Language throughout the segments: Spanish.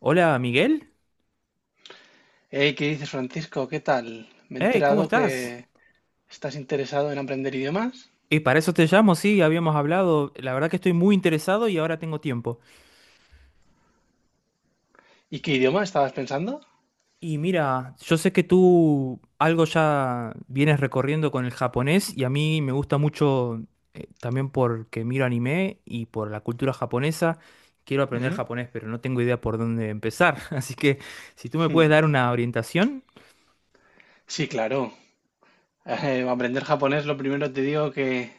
Hola, Miguel. Hey, ¿qué dices, Francisco? ¿Qué tal? Me he Hey, ¿cómo enterado estás? que estás interesado en aprender idiomas. Y para eso te llamo, sí, habíamos hablado. La verdad que estoy muy interesado y ahora tengo tiempo. ¿Y qué idioma estabas pensando? Y mira, yo sé que tú algo ya vienes recorriendo con el japonés y a mí me gusta mucho también porque miro anime y por la cultura japonesa. Quiero aprender Ujú. japonés, pero no tengo idea por dónde empezar. Así que si tú me Hmm. puedes dar una orientación, Sí, claro. Aprender japonés, lo primero te digo que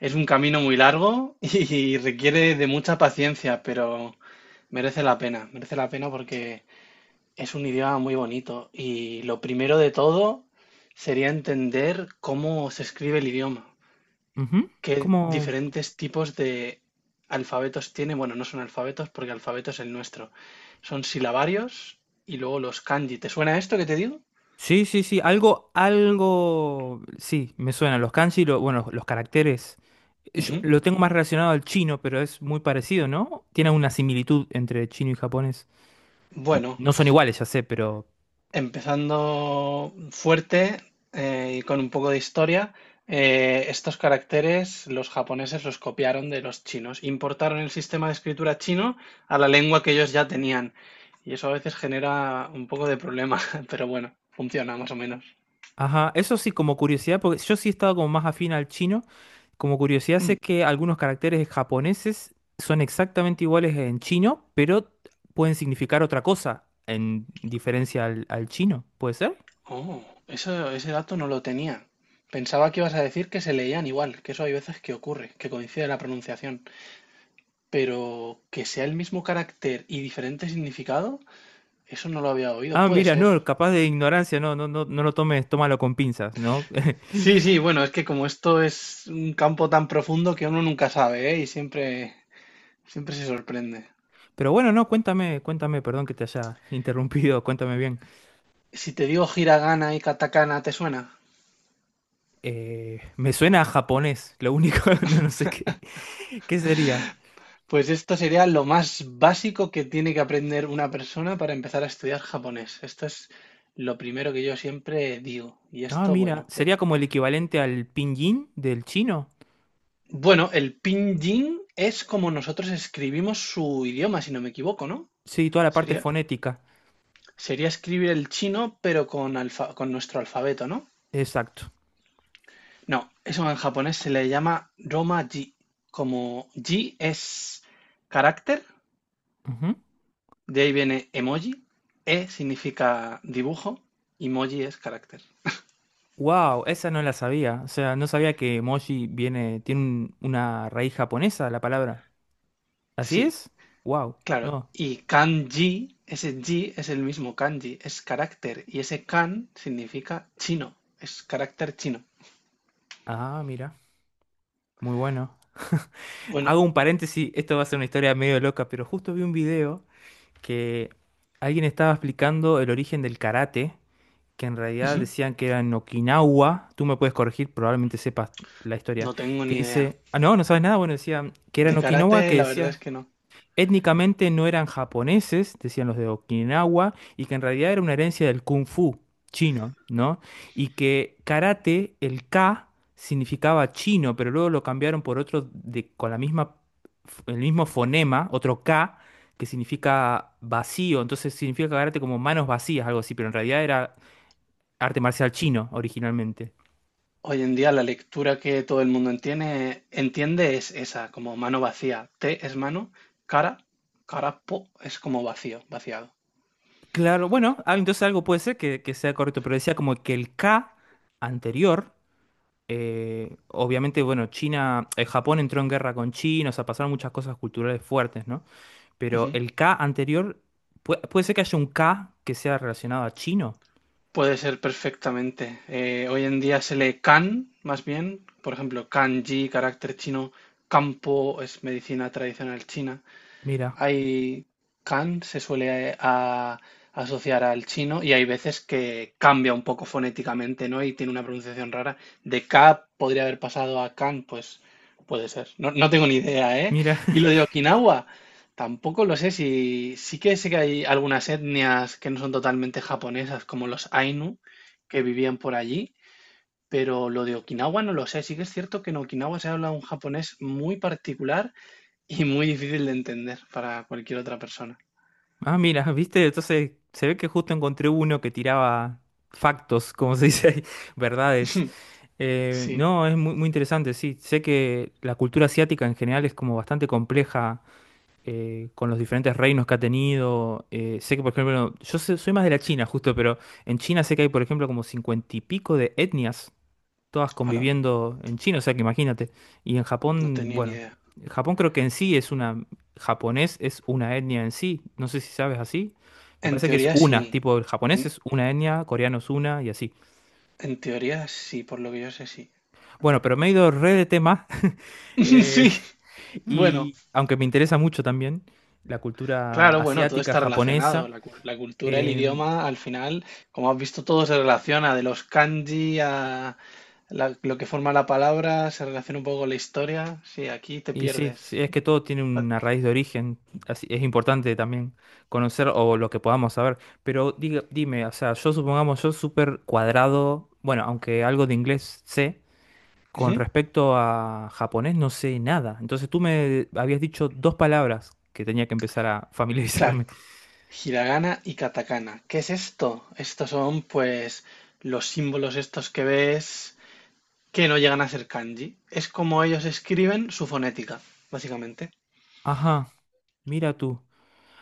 es un camino muy largo y requiere de mucha paciencia, pero merece la pena. Merece la pena porque es un idioma muy bonito. Y lo primero de todo sería entender cómo se escribe el idioma, ujú. qué ¿Cómo? diferentes tipos de alfabetos tiene. Bueno, no son alfabetos porque alfabeto es el nuestro. Son silabarios y luego los kanji. ¿Te suena esto que te digo? Sí, sí, sí, algo, algo, sí, me suena. Los kanji, bueno, los caracteres. Yo Ujú. lo tengo más relacionado al chino, pero es muy parecido, ¿no? Tiene una similitud entre chino y japonés. Bueno, No son iguales, ya sé, pero... empezando fuerte, y con un poco de historia, estos caracteres los japoneses los copiaron de los chinos. Importaron el sistema de escritura chino a la lengua que ellos ya tenían. Y eso a veces genera un poco de problema, pero bueno, funciona más o menos. Ajá, eso sí, como curiosidad, porque yo sí he estado como más afín al chino. Como curiosidad, Mm. sé que algunos caracteres japoneses son exactamente iguales en chino, pero pueden significar otra cosa en diferencia al chino, ¿puede ser? Oh, eso, ese dato no lo tenía. Pensaba que ibas a decir que se leían igual, que eso hay veces que ocurre, que coincide la pronunciación, pero que sea el mismo carácter y diferente significado, eso no lo había oído, Ah, puede mira, ser. no, capaz de ignorancia, no, no, no, no lo tomes, tómalo con pinzas, ¿no? Sí, sí, bueno, es que como esto es un campo tan profundo que uno nunca sabe, ¿eh? Y siempre, siempre se sorprende. Pero bueno, no, cuéntame, cuéntame, perdón que te haya interrumpido, cuéntame bien. Si te digo hiragana y katakana, ¿te suena? Me suena a japonés, lo único, no, no sé qué, qué sería. Pues esto sería lo más básico que tiene que aprender una persona para empezar a estudiar japonés. Esto es lo primero que yo siempre digo. Y Ah, esto, mira, bueno, de- sería como el equivalente al pinyin del chino. bueno, el pinyin es como nosotros escribimos su idioma, si no me equivoco, ¿no? Sí, toda la parte Sería, fonética. sería escribir el chino, pero con alfa- con nuestro alfabeto, ¿no? Exacto. No, eso en japonés se le llama Roma-ji. Como ji es carácter, de ahí viene emoji, e significa dibujo, y moji es carácter. Wow, esa no la sabía. O sea, no sabía que emoji viene, tiene una raíz japonesa la palabra. ¿Así Sí, es? Wow, claro. no. Y kanji, ese ji es el mismo kanji, es carácter. Y ese kan significa chino, es carácter chino. Ah, mira, muy bueno. Bueno, Hago un paréntesis, esto va a ser una historia medio loca, pero justo vi un video que alguien estaba explicando el origen del karate, que en realidad ujú, decían que era en Okinawa, tú me puedes corregir, probablemente sepas la historia, no tengo que ni idea. dice, ah, no, no sabes nada, bueno, decían que era De en Okinawa, karate, que la verdad decía, es que no. étnicamente no eran japoneses, decían los de Okinawa, y que en realidad era una herencia del kung fu chino, ¿no? Y que karate, el K, significaba chino, pero luego lo cambiaron por otro de, con la misma, el mismo fonema, otro K, que significa vacío, entonces significa karate como manos vacías, algo así, pero en realidad era arte marcial chino originalmente. Hoy en día la lectura que todo el mundo entiende, entiende es esa, como mano vacía. Te es mano, cara, cara po es como vacío, vaciado. Claro, bueno, ah, entonces algo puede ser que sea correcto, pero decía como que el K anterior, obviamente, bueno, China, Japón entró en guerra con China, o sea, pasaron muchas cosas culturales fuertes, ¿no? Pero el K anterior, puede ser que haya un K que sea relacionado a chino. Puede ser perfectamente. Hoy en día se lee kan, más bien. Por ejemplo, kanji, carácter chino. Campo es medicina tradicional china. Mira, Hay kan se suele asociar al chino y hay veces que cambia un poco fonéticamente, ¿no? Y tiene una pronunciación rara. De ka podría haber pasado a kan, pues puede ser. No, no tengo ni idea, ¿eh? mira. Y lo de Okinawa, tampoco lo sé, si sí que sé que hay algunas etnias que no son totalmente japonesas, como los Ainu, que vivían por allí. Pero lo de Okinawa no lo sé. Sí que es cierto que en Okinawa se habla un japonés muy particular y muy difícil de entender para cualquier otra persona. Ah, mira, viste, entonces se ve que justo encontré uno que tiraba factos, como se dice ahí, verdades. Sí, No, es muy, muy interesante, sí. Sé que la cultura asiática en general es como bastante compleja, con los diferentes reinos que ha tenido. Sé que, por ejemplo, soy más de la China, justo, pero en China sé que hay, por ejemplo, como cincuenta y pico de etnias todas hola, conviviendo en China, o sea que imagínate. Y en no Japón, tenía ni bueno, idea. Japón creo que en sí es una, japonés es una etnia en sí, no sé si sabes así. Me En parece que es teoría una, sí. tipo el japonés En, es una etnia, coreano es una y así. en teoría sí, por lo que yo sé, sí. Bueno, pero me he ido re de tema, eh, Sí, bueno, y aunque me interesa mucho también la cultura claro, bueno, todo asiática, está relacionado. japonesa, La, cu- la cultura, el eh, idioma, al final, como has visto, todo se relaciona. De los kanji a la- lo que forma la palabra, se relaciona un poco con la historia. Sí, aquí te y sí, pierdes. sí, es que todo tiene una raíz de origen, así es importante también conocer o lo que podamos saber. Pero dime, o sea, yo supongamos yo súper cuadrado, bueno, aunque algo de inglés sé, con Ujú, respecto a japonés no sé nada. Entonces tú me habías dicho dos palabras que tenía que empezar a claro. familiarizarme. Hiragana y katakana. ¿Qué es esto? Estos son, pues, los símbolos estos que ves que no llegan a ser kanji. Es como ellos escriben su fonética, básicamente. Ajá, mira tú,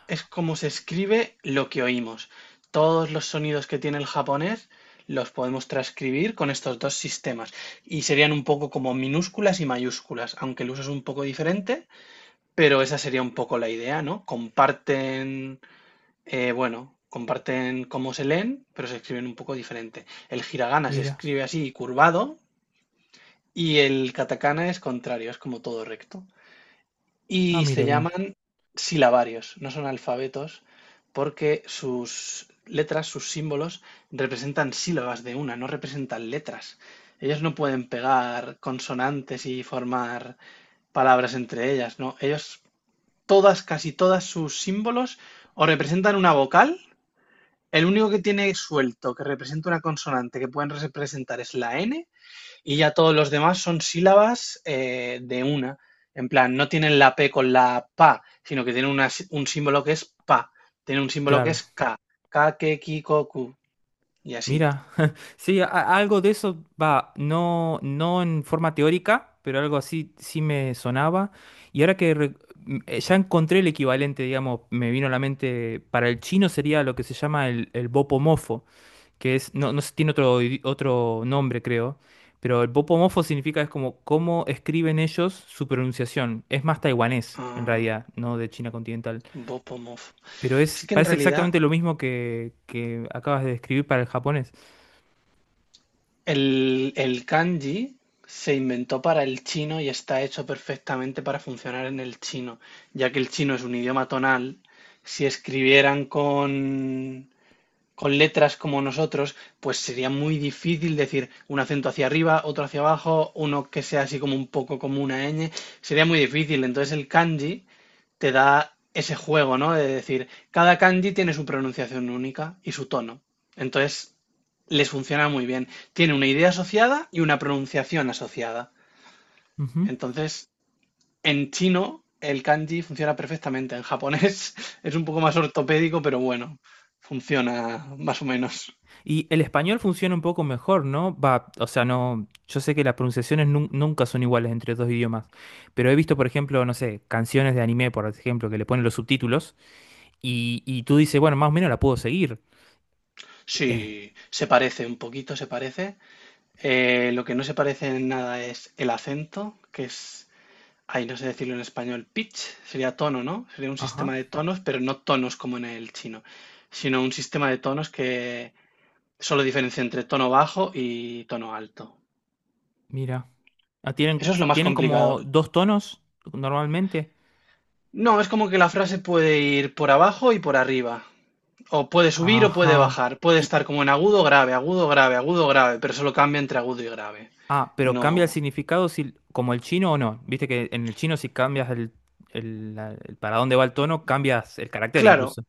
Es como se escribe lo que oímos. Todos los sonidos que tiene el japonés los podemos transcribir con estos dos sistemas. Y serían un poco como minúsculas y mayúsculas, aunque el uso es un poco diferente, pero esa sería un poco la idea, ¿no? Comparten, bueno, comparten cómo se leen, pero se escriben un poco diferente. El hiragana se mira. escribe así, curvado, y el katakana es contrario, es como todo recto. Ah, Y mira se bien, llaman silabarios, no son alfabetos, porque sus letras, sus símbolos, representan sílabas de una, no representan letras. Ellos no pueden pegar consonantes y formar palabras entre ellas, ¿no? Ellos, todas, casi todas sus símbolos, o representan una vocal, el único que tiene suelto que representa una consonante que pueden representar es la N y ya todos los demás son sílabas de una. En plan, no tienen la P con la PA, sino que tienen una sí- un símbolo que es PA, tienen un símbolo que claro. es K, K, K, k, Ki, k, Ku, y así. Mira. Sí, algo de eso va, no, no en forma teórica, pero algo así sí me sonaba. Y ahora que ya encontré el equivalente, digamos, me vino a la mente, para el chino sería lo que se llama el bopomofo, que es, no, no sé, tiene otro, otro nombre, creo, pero el bopomofo significa es como cómo escriben ellos su pronunciación. Es más taiwanés, en Ah, realidad, no de China continental. Bopomov. Pero Es es, que en parece realidad exactamente lo mismo que acabas de describir para el japonés. el kanji se inventó para el chino y está hecho perfectamente para funcionar en el chino, ya que el chino es un idioma tonal. Si escribieran con letras como nosotros, pues sería muy difícil decir un acento hacia arriba, otro hacia abajo, uno que sea así como un poco como una ñ. Sería muy difícil. Entonces el kanji te da ese juego, ¿no? De decir, cada kanji tiene su pronunciación única y su tono. Entonces, les funciona muy bien. Tiene una idea asociada y una pronunciación asociada. Entonces, en chino, el kanji funciona perfectamente. En japonés es un poco más ortopédico, pero bueno, funciona más o menos. Y el español funciona un poco mejor, ¿no? Va, o sea, no, yo sé que las pronunciaciones nunca son iguales entre dos idiomas, pero he visto, por ejemplo, no sé, canciones de anime, por ejemplo, que le ponen los subtítulos y tú dices, bueno, más o menos la puedo seguir. Eh, Sí, se parece un poquito, se parece. Lo que no se parece en nada es el acento, que es, ay, no sé decirlo en español. Pitch sería tono, ¿no? Sería un ajá, sistema de tonos, pero no tonos como en el chino, sino un sistema de tonos que solo diferencia entre tono bajo y tono alto. mira. Ah, tienen, Eso es lo más tienen complicado. como dos tonos normalmente. No, es como que la frase puede ir por abajo y por arriba. O puede subir o puede Ajá. bajar. Puede Y, estar como en agudo, grave, agudo, grave, agudo, grave, pero solo cambia entre agudo y grave. ah, pero cambia el No. significado si, como el chino o no. Viste que en el chino si cambias el para dónde va el tono, cambias el carácter Claro, incluso.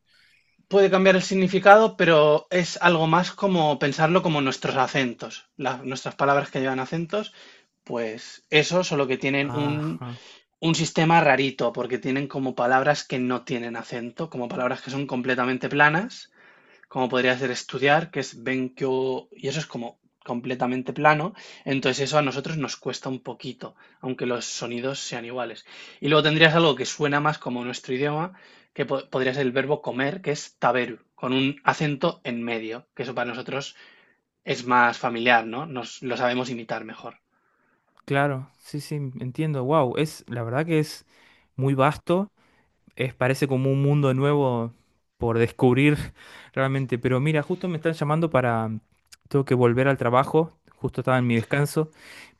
puede cambiar el significado, pero es algo más como pensarlo como nuestros acentos. La- nuestras palabras que llevan acentos, pues eso, solo que tienen Ajá. un sistema rarito, porque tienen como palabras que no tienen acento, como palabras que son completamente planas como podría ser estudiar, que es Benkyo, y eso es como completamente plano, entonces eso a nosotros nos cuesta un poquito, aunque los sonidos sean iguales. Y luego tendrías algo que suena más como nuestro idioma, que po- podría ser el verbo comer, que es taberu, con un acento en medio, que eso para nosotros es más familiar, ¿no? Nos lo sabemos imitar mejor. Claro, sí, sí, entiendo. Wow, es la verdad que es muy vasto, es parece como un mundo nuevo por descubrir realmente, pero mira, justo me están llamando para tengo que volver al trabajo, justo estaba en mi descanso,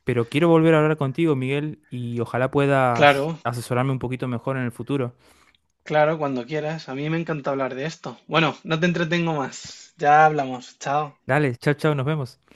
pero quiero volver a hablar contigo, Miguel, y ojalá puedas Claro, asesorarme un poquito mejor en el futuro. claro, cuando quieras. A mí me encanta hablar de esto. Bueno, no te entretengo más. Ya hablamos. Chao. Dale, chao, chao, nos vemos.